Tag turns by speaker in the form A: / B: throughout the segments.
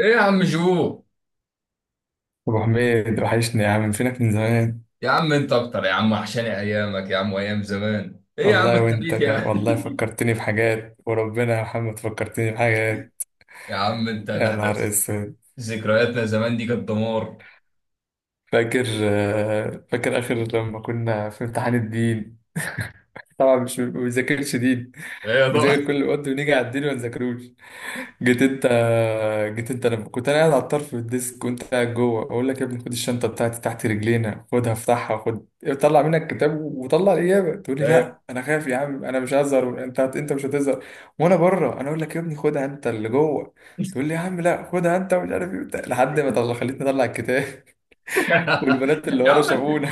A: ايه يا عم جو؟
B: ابو حميد وحشني يا عم، فينك من زمان.
A: يا عم انت اكتر يا عم، وحشاني ايامك يا عم، وايام زمان. ايه يا عم
B: والله وانت
A: الخبيث يا
B: كمان
A: عم؟
B: والله، فكرتني بحاجات وربنا يا محمد، فكرتني بحاجات.
A: يا عم انت ده
B: يا
A: احدث.
B: نهار اسود.
A: ذكرياتنا زمان دي كانت دمار.
B: فاكر اخر لما كنا في امتحان الدين. طبعا مش ما بنذاكرش دين،
A: ايه يا ضوء؟
B: بنذاكر كل وقت ونيجي على الدين ما نذاكروش. جيت انت جيت انت لما كنت انا قاعد على الطرف في الديسك، كنت قاعد جوه اقول لك يا ابني خد الشنطه بتاعتي تحت رجلينا، خدها افتحها خد طلع منك الكتاب وطلع الاجابه. تقول لي
A: ايه؟
B: لا انا خايف يا عم، انا مش هزهر. انت مش هتزهر. وانا بره انا اقول لك يا ابني خدها انت اللي جوه، تقول لي يا عم لا خدها انت، ومش عارف ايه وبتاع. لحد ما طلع خليتني اطلع الكتاب. والبنات اللي
A: يا
B: ورا
A: عم،
B: شافونا.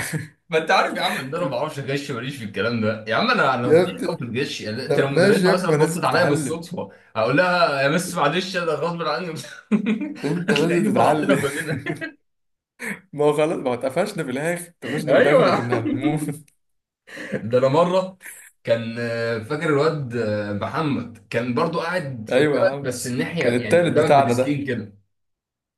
A: ما انت عارف يا عم ان انا ما بعرفش اغش، ماليش في الكلام ده يا عم. انا انا
B: يا
A: فضيح قوي في
B: ابني
A: الغش يعني. انت لو
B: طب ماشي
A: مدرسه
B: يا ابني،
A: مثلا
B: ما
A: بصت
B: لازم
A: عليا
B: تتعلم.
A: بالصدفه، هقول لها يا مس معلش انا غصب عني.
B: انت لازم
A: هتلاقيني فرحتنا
B: تتعلم.
A: كلنا.
B: ما هو خلاص، ما هو اتقفشنا في الاخر، اتقفشنا في الاخر
A: ايوه.
B: وكنا هنموت.
A: ده انا مره كان فاكر الواد محمد كان برضو قاعد
B: ايوه يا
A: قدامك،
B: عم،
A: بس الناحيه
B: كان
A: يعني
B: التالت
A: قدامك
B: بتاعنا
A: بديسكين
B: ده.
A: كده.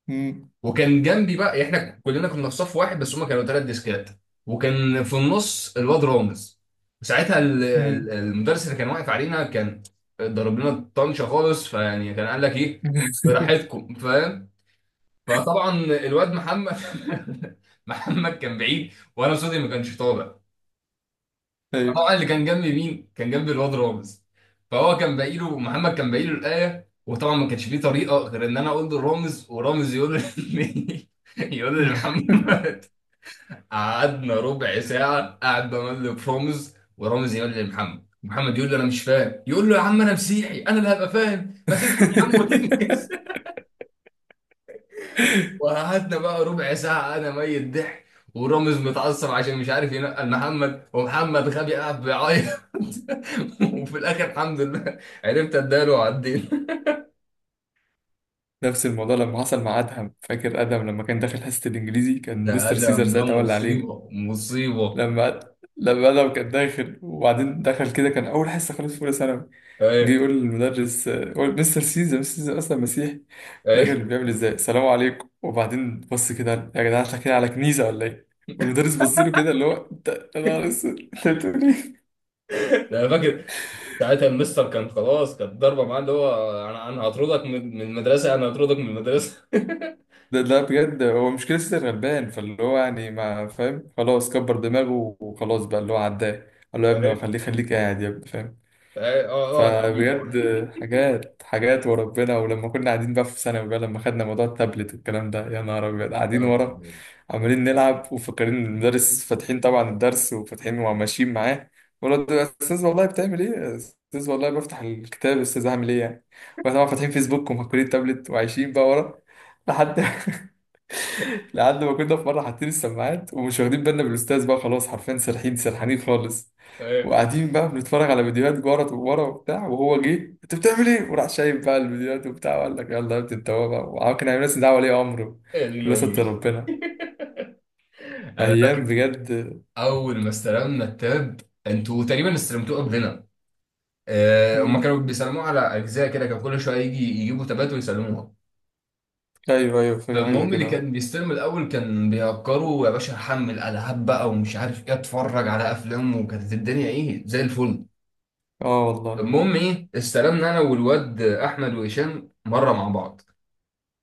B: مم.
A: وكان جنبي بقى، يعني احنا كلنا كنا في صف واحد، بس هما كانوا ثلاث ديسكات، وكان في النص الواد رامز. ساعتها
B: مم.
A: المدرس اللي كان واقف علينا كان ضرب لنا طنشه خالص، فيعني كان قال لك ايه، براحتكم، فاهم؟ فطبعا الواد محمد محمد كان بعيد وانا صوتي ما كانش طالع.
B: ايوه.
A: طبعا اللي كان جنبي مين؟ كان جنبي الواد رامز. فهو كان باقي له، محمد كان باقي له الآية، وطبعا ما كانش فيه طريقة غير إن أنا أقول لرامز، ورامز يقول لمحمد. قعدنا ربع ساعة قاعد بمل في رامز، ورامز يقول لمحمد، محمد يقول له أنا مش فاهم، يقول له يا عم أنا مسيحي، أنا اللي هبقى فاهم؟ ما تفهم يا عم وتنجز. وقعدنا بقى ربع ساعة أنا ميت ضحك، ورامز متعصب عشان مش عارف ينقل محمد، ومحمد غبي قاعد بيعيط. وفي الآخر الحمد لله عرفت أداله وعدينا.
B: نفس الموضوع لما حصل مع ادهم. فاكر ادهم لما كان داخل حصه الانجليزي، كان
A: ده
B: مستر سيزر
A: أدم ده
B: ساعتها ولا علينا.
A: مصيبة مصيبة.
B: لما لما ادم كان داخل وبعدين دخل كده، كان اول حصه خالص في اولى ثانوي، جه
A: أي.
B: يقول للمدرس، يقول مستر سيزا مستر سيزا اصلا مسيحي،
A: أي.
B: داخل بيعمل ازاي السلام عليكم، وبعدين بص كده يا جدعان احنا كده على كنيسه ولا ايه. والمدرس بص له كده اللي هو انت يا نهار اسود انت بتقول ايه.
A: ده أنا فاكر. ساعتها المستر كان خلاص، كانت ضربة معاه، اللي هو أنا هطردك من المدرسة، أنا هطردك من المدرسة.
B: ده بجد هو مش كده، سيزا غلبان فاللي هو يعني ما فاهم، خلاص كبر دماغه وخلاص بقى اللي هو عداه، قال له يا ابني
A: أي.
B: خليك خليك قاعد يا ابني فاهم.
A: أي أه، أقعد يا عبيط أقعد.
B: فبجد حاجات حاجات وربنا. ولما كنا قاعدين بقى في ثانوي بقى، لما خدنا موضوع التابلت والكلام ده، يا نهار ابيض،
A: يا
B: قاعدين
A: نهار
B: ورا
A: أبيض.
B: عمالين نلعب وفاكرين إن المدرس فاتحين طبعا الدرس وفاتحين وماشيين معاه، ولد يا استاذ والله بتعمل ايه يا استاذ والله بفتح الكتاب يا استاذ هعمل ايه يعني. واحنا طبعا فاتحين فيسبوك ومهكولين تابلت وعايشين بقى ورا. لحد لحد ما كنا في مره حاطين السماعات ومش واخدين بالنا بالاستاذ بقى، خلاص حرفيا سرحين سرحانين خالص،
A: أي.
B: وقاعدين بقى بنتفرج على فيديوهات ورا ورا وبتاع، وهو جه انت بتعمل ايه؟ وراح شايف بقى الفيديوهات وبتاع، وقال لك يلا يا ابني، انت هو بقى، وعم كان عامل لنا دعوه ولي امره.
A: يا دين
B: لله ستر
A: أمي.
B: ربنا.
A: أنا
B: ايام
A: فاكر
B: بجد.
A: اول ما استلمنا التاب. انتوا تقريبا استلمتوه قبلنا. هما
B: مم.
A: كانوا بيسلموه على اجزاء كده، كان كل شويه يجي يجيبوا تابات ويسلموها.
B: ايوه ايوه، فاكر حاجه زي
A: فالمهم اللي
B: كده.
A: كان بيستلم الاول كان بيهكروا. يا باشا هحمل العاب بقى ومش عارف ايه، اتفرج على افلام، وكانت الدنيا ايه، زي الفل.
B: اه والله.
A: المهم ايه، استلمنا انا والواد احمد وهشام مره مع بعض،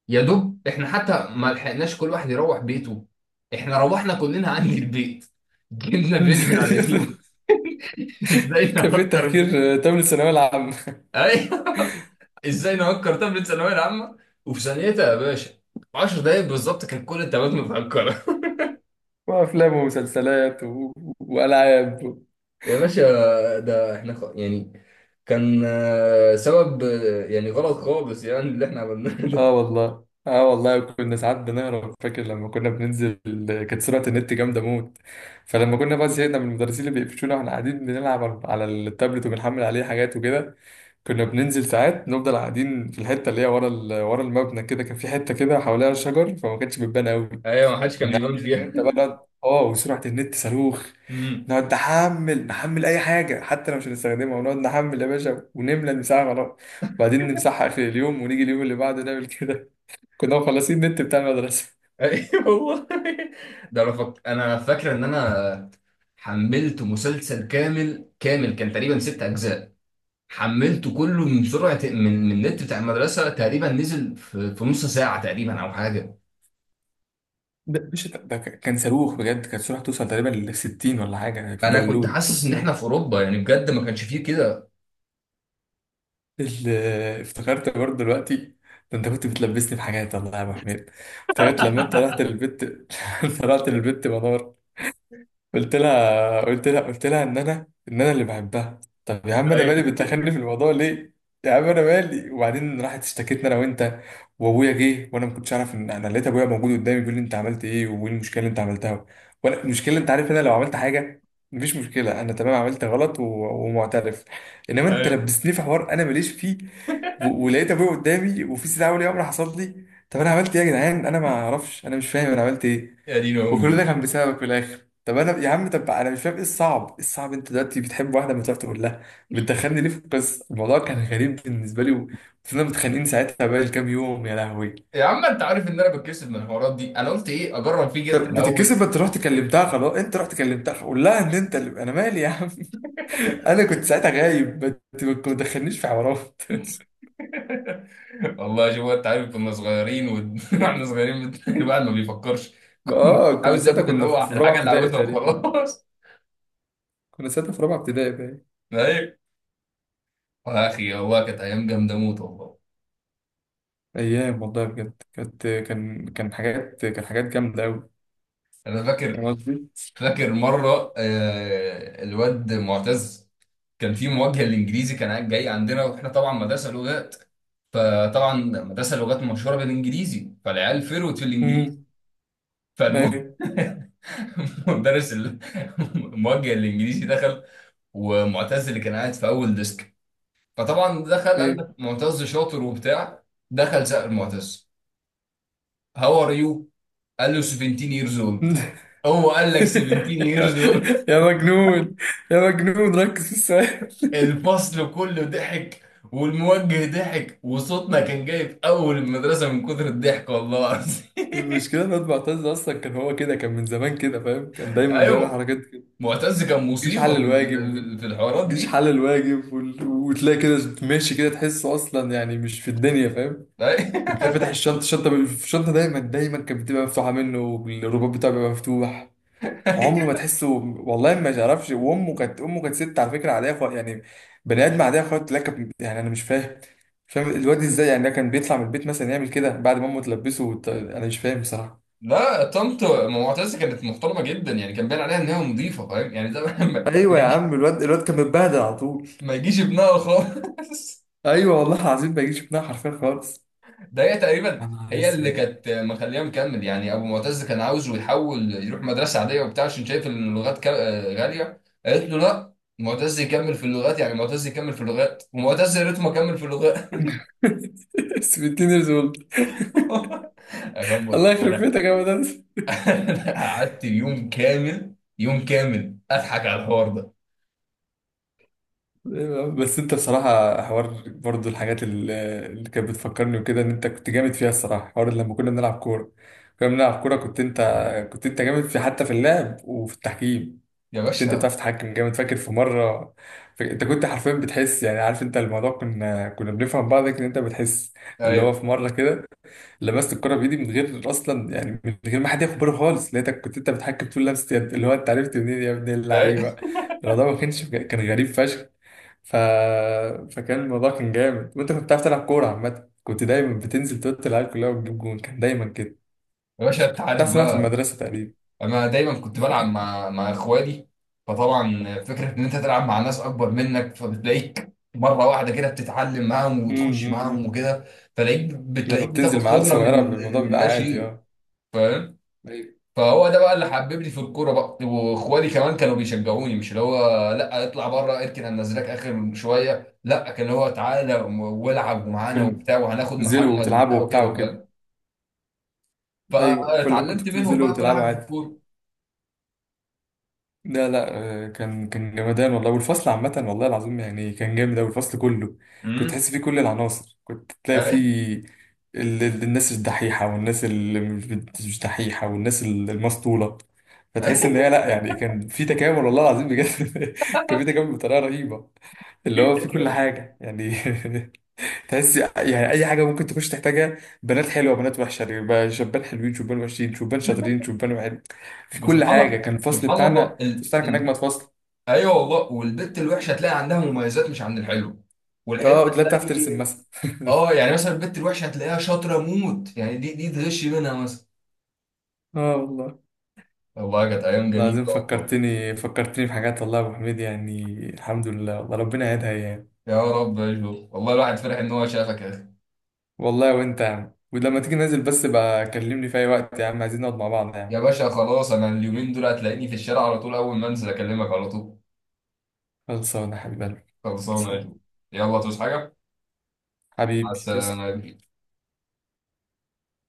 A: يا دوب احنا حتى ما لحقناش كل واحد يروح بيته، احنا روحنا كلنا عندي البيت. جبنا فيديو من على اليوتيوب. ازاي
B: كان في
A: نهكر.
B: تهكير تمن الثانويه العامه،
A: ايوه. ازاي نهكر طفل ثانويه العامه؟ وفي ثانيتها يا باشا، 10 دقايق بالظبط كان كل التابات متهكره.
B: وافلام ومسلسلات والعاب.
A: يا باشا، ده احنا يعني، كان سبب يعني غلط خالص يعني اللي احنا عملناه
B: اه
A: ده.
B: والله، اه والله كنا ساعات بنهرب. فاكر لما كنا بننزل، كانت سرعة النت جامدة موت، فلما كنا بقى زهقنا من المدرسين اللي بيقفشونا واحنا قاعدين بنلعب على التابلت وبنحمل عليه حاجات وكده، كنا بننزل ساعات، نفضل قاعدين في الحتة اللي هي ورا ورا المبنى كده، كان في حتة كده حواليها شجر فما كانتش بتبان قوي.
A: ايوه، ما حدش كان
B: كنا
A: بيبان
B: قاعدين انا
A: فيها.
B: وانت بقى اه وسرعة النت صاروخ،
A: امم.
B: نقعد نحمل نحمل اي حاجة حتى لو مش هنستخدمها، ونقعد نحمل يا باشا ونملى المساحة خلاص، وبعدين نمسحها اخر اليوم، ونيجي اليوم اللي بعده نعمل كده. كنا مخلصين النت بتاع المدرسة.
A: ايوه والله. ده انا فاكر ان انا حملت مسلسل كامل كامل، كان تقريبا ست اجزاء. حملته كله من النت بتاع المدرسه، تقريبا نزل في نص ساعه تقريبا او حاجه.
B: مش ده ده كان صاروخ بجد، كان صاروخ توصل تقريبا ل 60 ولا حاجة يعني في
A: انا كنت
B: داونلود،
A: حاسس ان احنا
B: فاهم.
A: في اوروبا يعني، بجد ما كانش فيه كده.
B: ال- افتكرت برضه دلوقتي. ده انت كنت بتلبسني في حاجات والله يا ابو حميد. افتكرت لما انت رحت للبت انت رحت للبت منار، قلت لها ان انا اللي بحبها. طب يا عم انا
A: ايوه
B: مالي، بتدخلني في الموضوع ليه؟ يا عم انا مالي. وبعدين راحت اشتكتنا انا وانت، وابويا جه وانا ما كنتش اعرف ان انا، لقيت ابويا موجود قدامي بيقول لي انت عملت ايه وايه المشكله اللي انت عملتها. وانا المشكله انت عارف إن انا لو عملت حاجه، مفيش مشكله، انا تمام عملت غلط ومعترف، انما انت
A: ايوه.
B: لبستني في حوار انا ماليش فيه، ولقيت ابويا قدامي وفي استدعاء ولي امر حصل لي. طب انا عملت ايه يا جدعان، انا ما اعرفش انا مش فاهم انا عملت ايه،
A: يا دين
B: وكل ده
A: امي.
B: كان بسببك في الاخر. طب انا يا عم، طب انا مش فاهم ايه الصعب، إيه الصعب؟ انت دلوقتي بتحب واحده مش عارف تقول لها، بتدخلني ليه في القصه؟ الموضوع كان غريب بالنسبه لي، وكنا متخانقين ساعتها بقى كام يوم يا لهوي.
A: يا عم انت عارف ان انا بتكسف من الحوارات دي، انا قلت ايه اجرب فيه جبت
B: طب بتتكسف
A: الاول.
B: انت رحت كلمتها، خلاص انت رحت كلمتها قول لها ان انت انا مالي يا عم. انا كنت ساعتها غايب، ما تدخلنيش في حوارات.
A: والله شوف، انت عارف كنا صغيرين، واحنا صغيرين، الواحد ما بيفكرش،
B: اه كنا
A: عاوز
B: ساعتها
A: ياخد اللي هو
B: في رابعه
A: الحاجه اللي
B: ابتدائي
A: عاوزها
B: تقريبا.
A: وخلاص.
B: كنا ساعتها في رابعه ابتدائي بقى.
A: ايوه. يا اخي والله كانت ايام جامده موت والله.
B: ايام والله بجد كانت، كان حاجات جامده قوي،
A: انا
B: فاهم
A: فاكر
B: قصدي؟
A: فاكر مرة الواد معتز كان في مواجهة الإنجليزي، كان قاعد جاي عندنا، وإحنا طبعا مدرسة لغات، فطبعا مدرسة لغات مشهورة بالإنجليزي، فالعيال فروت في الإنجليزي.
B: امم
A: فالمهم مدرس الموجه الإنجليزي دخل، ومعتز اللي كان قاعد في أول ديسك، فطبعا دخل قال
B: ايوه.
A: لك معتز شاطر وبتاع. دخل سأل معتز، هاو ار يو، قال له 17 years old. هو قال لك 17
B: يا
A: years old!
B: يا مجنون، يا مجنون ركز في السؤال.
A: الفصل كله ضحك، والموجه ضحك، وصوتنا كان جاي في اول المدرسه من كتر الضحك والله العظيم.
B: المشكلة إن أنا معتز أصلا كان هو كده، كان من زمان كده فاهم، كان دايما بيعمل
A: ايوه.
B: حركات كده.
A: معتز كان
B: مجيش حل
A: مصيبه
B: الواجب و-
A: في الحوارات
B: مجيش
A: دي.
B: حل الواجب وتلاقي كده ماشي كده تحسه أصلا يعني مش في الدنيا فاهم. وتلاقي فتح
A: أي-
B: الشنطة، دايما كانت بتبقى مفتوحة منه، والرباط بتاعه بيبقى مفتوح. عمره ما تحسه، والله ما تعرفش. وامه كانت، امه كانت ست على فكره عاديه خالص يعني، بني ادم عاديه خالص لك. يعني انا مش فاهم، الواد ازاي يعني، ده كان بيطلع من البيت مثلا يعمل كده بعد ما امه تلبسه انا مش فاهم بصراحه.
A: لا، طنط معتز كانت محترمه جدا يعني، كان باين عليها ان هي نظيفه، فاهم يعني، ده
B: ايوه
A: ما
B: يا
A: يجي-
B: عم، الواد كان متبهدل على طول.
A: ما يجيش ابنها خالص.
B: ايوه والله العظيم ما يجيش منها حرفيا خالص.
A: ده هي تقريبا
B: يا نهار
A: هي اللي
B: اسود.
A: كانت مخليه مكمل، يعني ابو معتز كان عاوزه يحول يروح مدرسه عاديه وبتاع، عشان شايف ان اللغات غاليه، قالت له لا، معتز يكمل في اللغات، يعني معتز يكمل في اللغات، ومعتز يا ريته ما كمل في اللغات.
B: اسود تينيرز اولد.
A: أكمل.
B: الله يخرب
A: انا
B: بيتك يا مدرس.
A: أنا قعدت يوم كامل، يوم كامل اضحك على الحوار ده.
B: بس انت بصراحة حوار، برضو الحاجات اللي كانت بتفكرني وكده ان انت كنت جامد فيها، الصراحة حوار لما كنا بنلعب كورة. كنا بنلعب كورة كنت انت كنت انت جامد في حتى في اللعب وفي التحكيم.
A: يا
B: كنت انت بتعرف
A: باشا.
B: تتحكم جامد. فاكر في مرة، انت كنت حرفيا بتحس يعني، عارف انت الموضوع، كنا بنفهم بعض ان انت بتحس. اللي هو
A: ايوه.
B: في مرة كده لمست الكرة بإيدي من غير أصلا يعني من غير ما حد ياخد باله خالص، لقيتك كنت انت بتحكم طول لمسة يد. اللي هو انت عرفت منين يا ابن
A: ايوه
B: اللعيبة؟ الموضوع ما كانش، كان غريب فشخ. ف... فكان الموضوع كان جامد، وانت كنت بتعرف تلعب كورة عامة، كنت دايما بتنزل توت العيال كلها وتجيب جون، كان دايما كده
A: يا باشا. انت
B: بتاع،
A: عارف
B: سمعت في
A: بقى،
B: المدرسة تقريبا.
A: انا دايما كنت بلعب مع اخوالي، فطبعا فكره ان انت تلعب مع ناس اكبر منك، فبتلاقيك مره واحده كده بتتعلم معاهم وتخش معاهم
B: أمم.
A: وكده،
B: لما
A: بتلاقيك بتاخد
B: بتنزل مع عيال
A: خبره من
B: صغيرة الموضوع
A: من
B: بيبقى
A: لا
B: عادي.
A: شيء،
B: اه
A: فاهم؟
B: ايوه.
A: فهو ده بقى اللي حببني في الكوره بقى، واخوالي كمان كانوا بيشجعوني، مش اللي هو لا اطلع بره اركن هننزلك اخر شويه، لا، كان هو تعالى والعب ومعانا وبتاع،
B: كنت
A: وهناخد
B: بتنزلوا
A: محمد
B: وتلعبوا
A: وبتاع
B: وبتاع
A: وكده،
B: وكده.
A: فاهم؟
B: ايوه كلكم كنتوا
A: فاتعلمت منهم
B: بتنزلوا
A: بقى كل
B: وتلعبوا
A: حاجه في
B: عادي.
A: الكوره.
B: لا لا. كان جمدان والله، والفصل عامة والله العظيم يعني كان جامد أوي الفصل كله. كنت
A: امم.
B: تحس فيه كل العناصر، كنت تلاقي فيه الناس الدحيحة، والناس اللي مش، مش دحيحة، والناس المسطولة. فتحس إن هي لا يعني، كان في تكامل والله العظيم بجد. كان في تكامل بطريقة رهيبة، اللي هو في كل حاجة يعني. تحس يعني اي حاجه ممكن تخش تحتاجها، بنات حلوه بنات وحشه، يبقى شبان حلوين شبان وحشين، شبان شاطرين شبان وحلو، في كل
A: وسبحان
B: حاجه.
A: الله،
B: كان الفصل
A: سبحان الله
B: بتاعنا، كان اجمد فصل.
A: ايوه والله، والبت الوحشه هتلاقي عندها مميزات مش عند الحلو، والحلو
B: اه لا بتعرف ترسم
A: هتلاقي،
B: مثلا.
A: اه يعني مثلا البت الوحشه هتلاقيها شاطره موت يعني، دي تغش منها مثلا.
B: اه والله
A: والله كانت ايام جميله.
B: العظيم
A: والله.
B: فكرتني، بحاجات والله يا ابو حميد، يعني الحمد لله، والله ربنا يهديها يعني.
A: يا رب يا جو. والله الواحد فرح ان هو شافك يا اخي.
B: والله وانت يا عم، ولما تيجي ننزل بس بقى كلمني في اي وقت يا عم، عايزين نقعد مع بعض يا عم.
A: يا باشا خلاص، انا اليومين دول هتلاقيني في الشارع على طول، اول ما انزل اكلمك على طول.
B: خلصانه يا حبيب قلبي،
A: خلصانه يا
B: خلصانه.
A: جو. يلا تصحى حاجه. مع
B: حبيبي
A: السلامه
B: تسلم.
A: يا جو.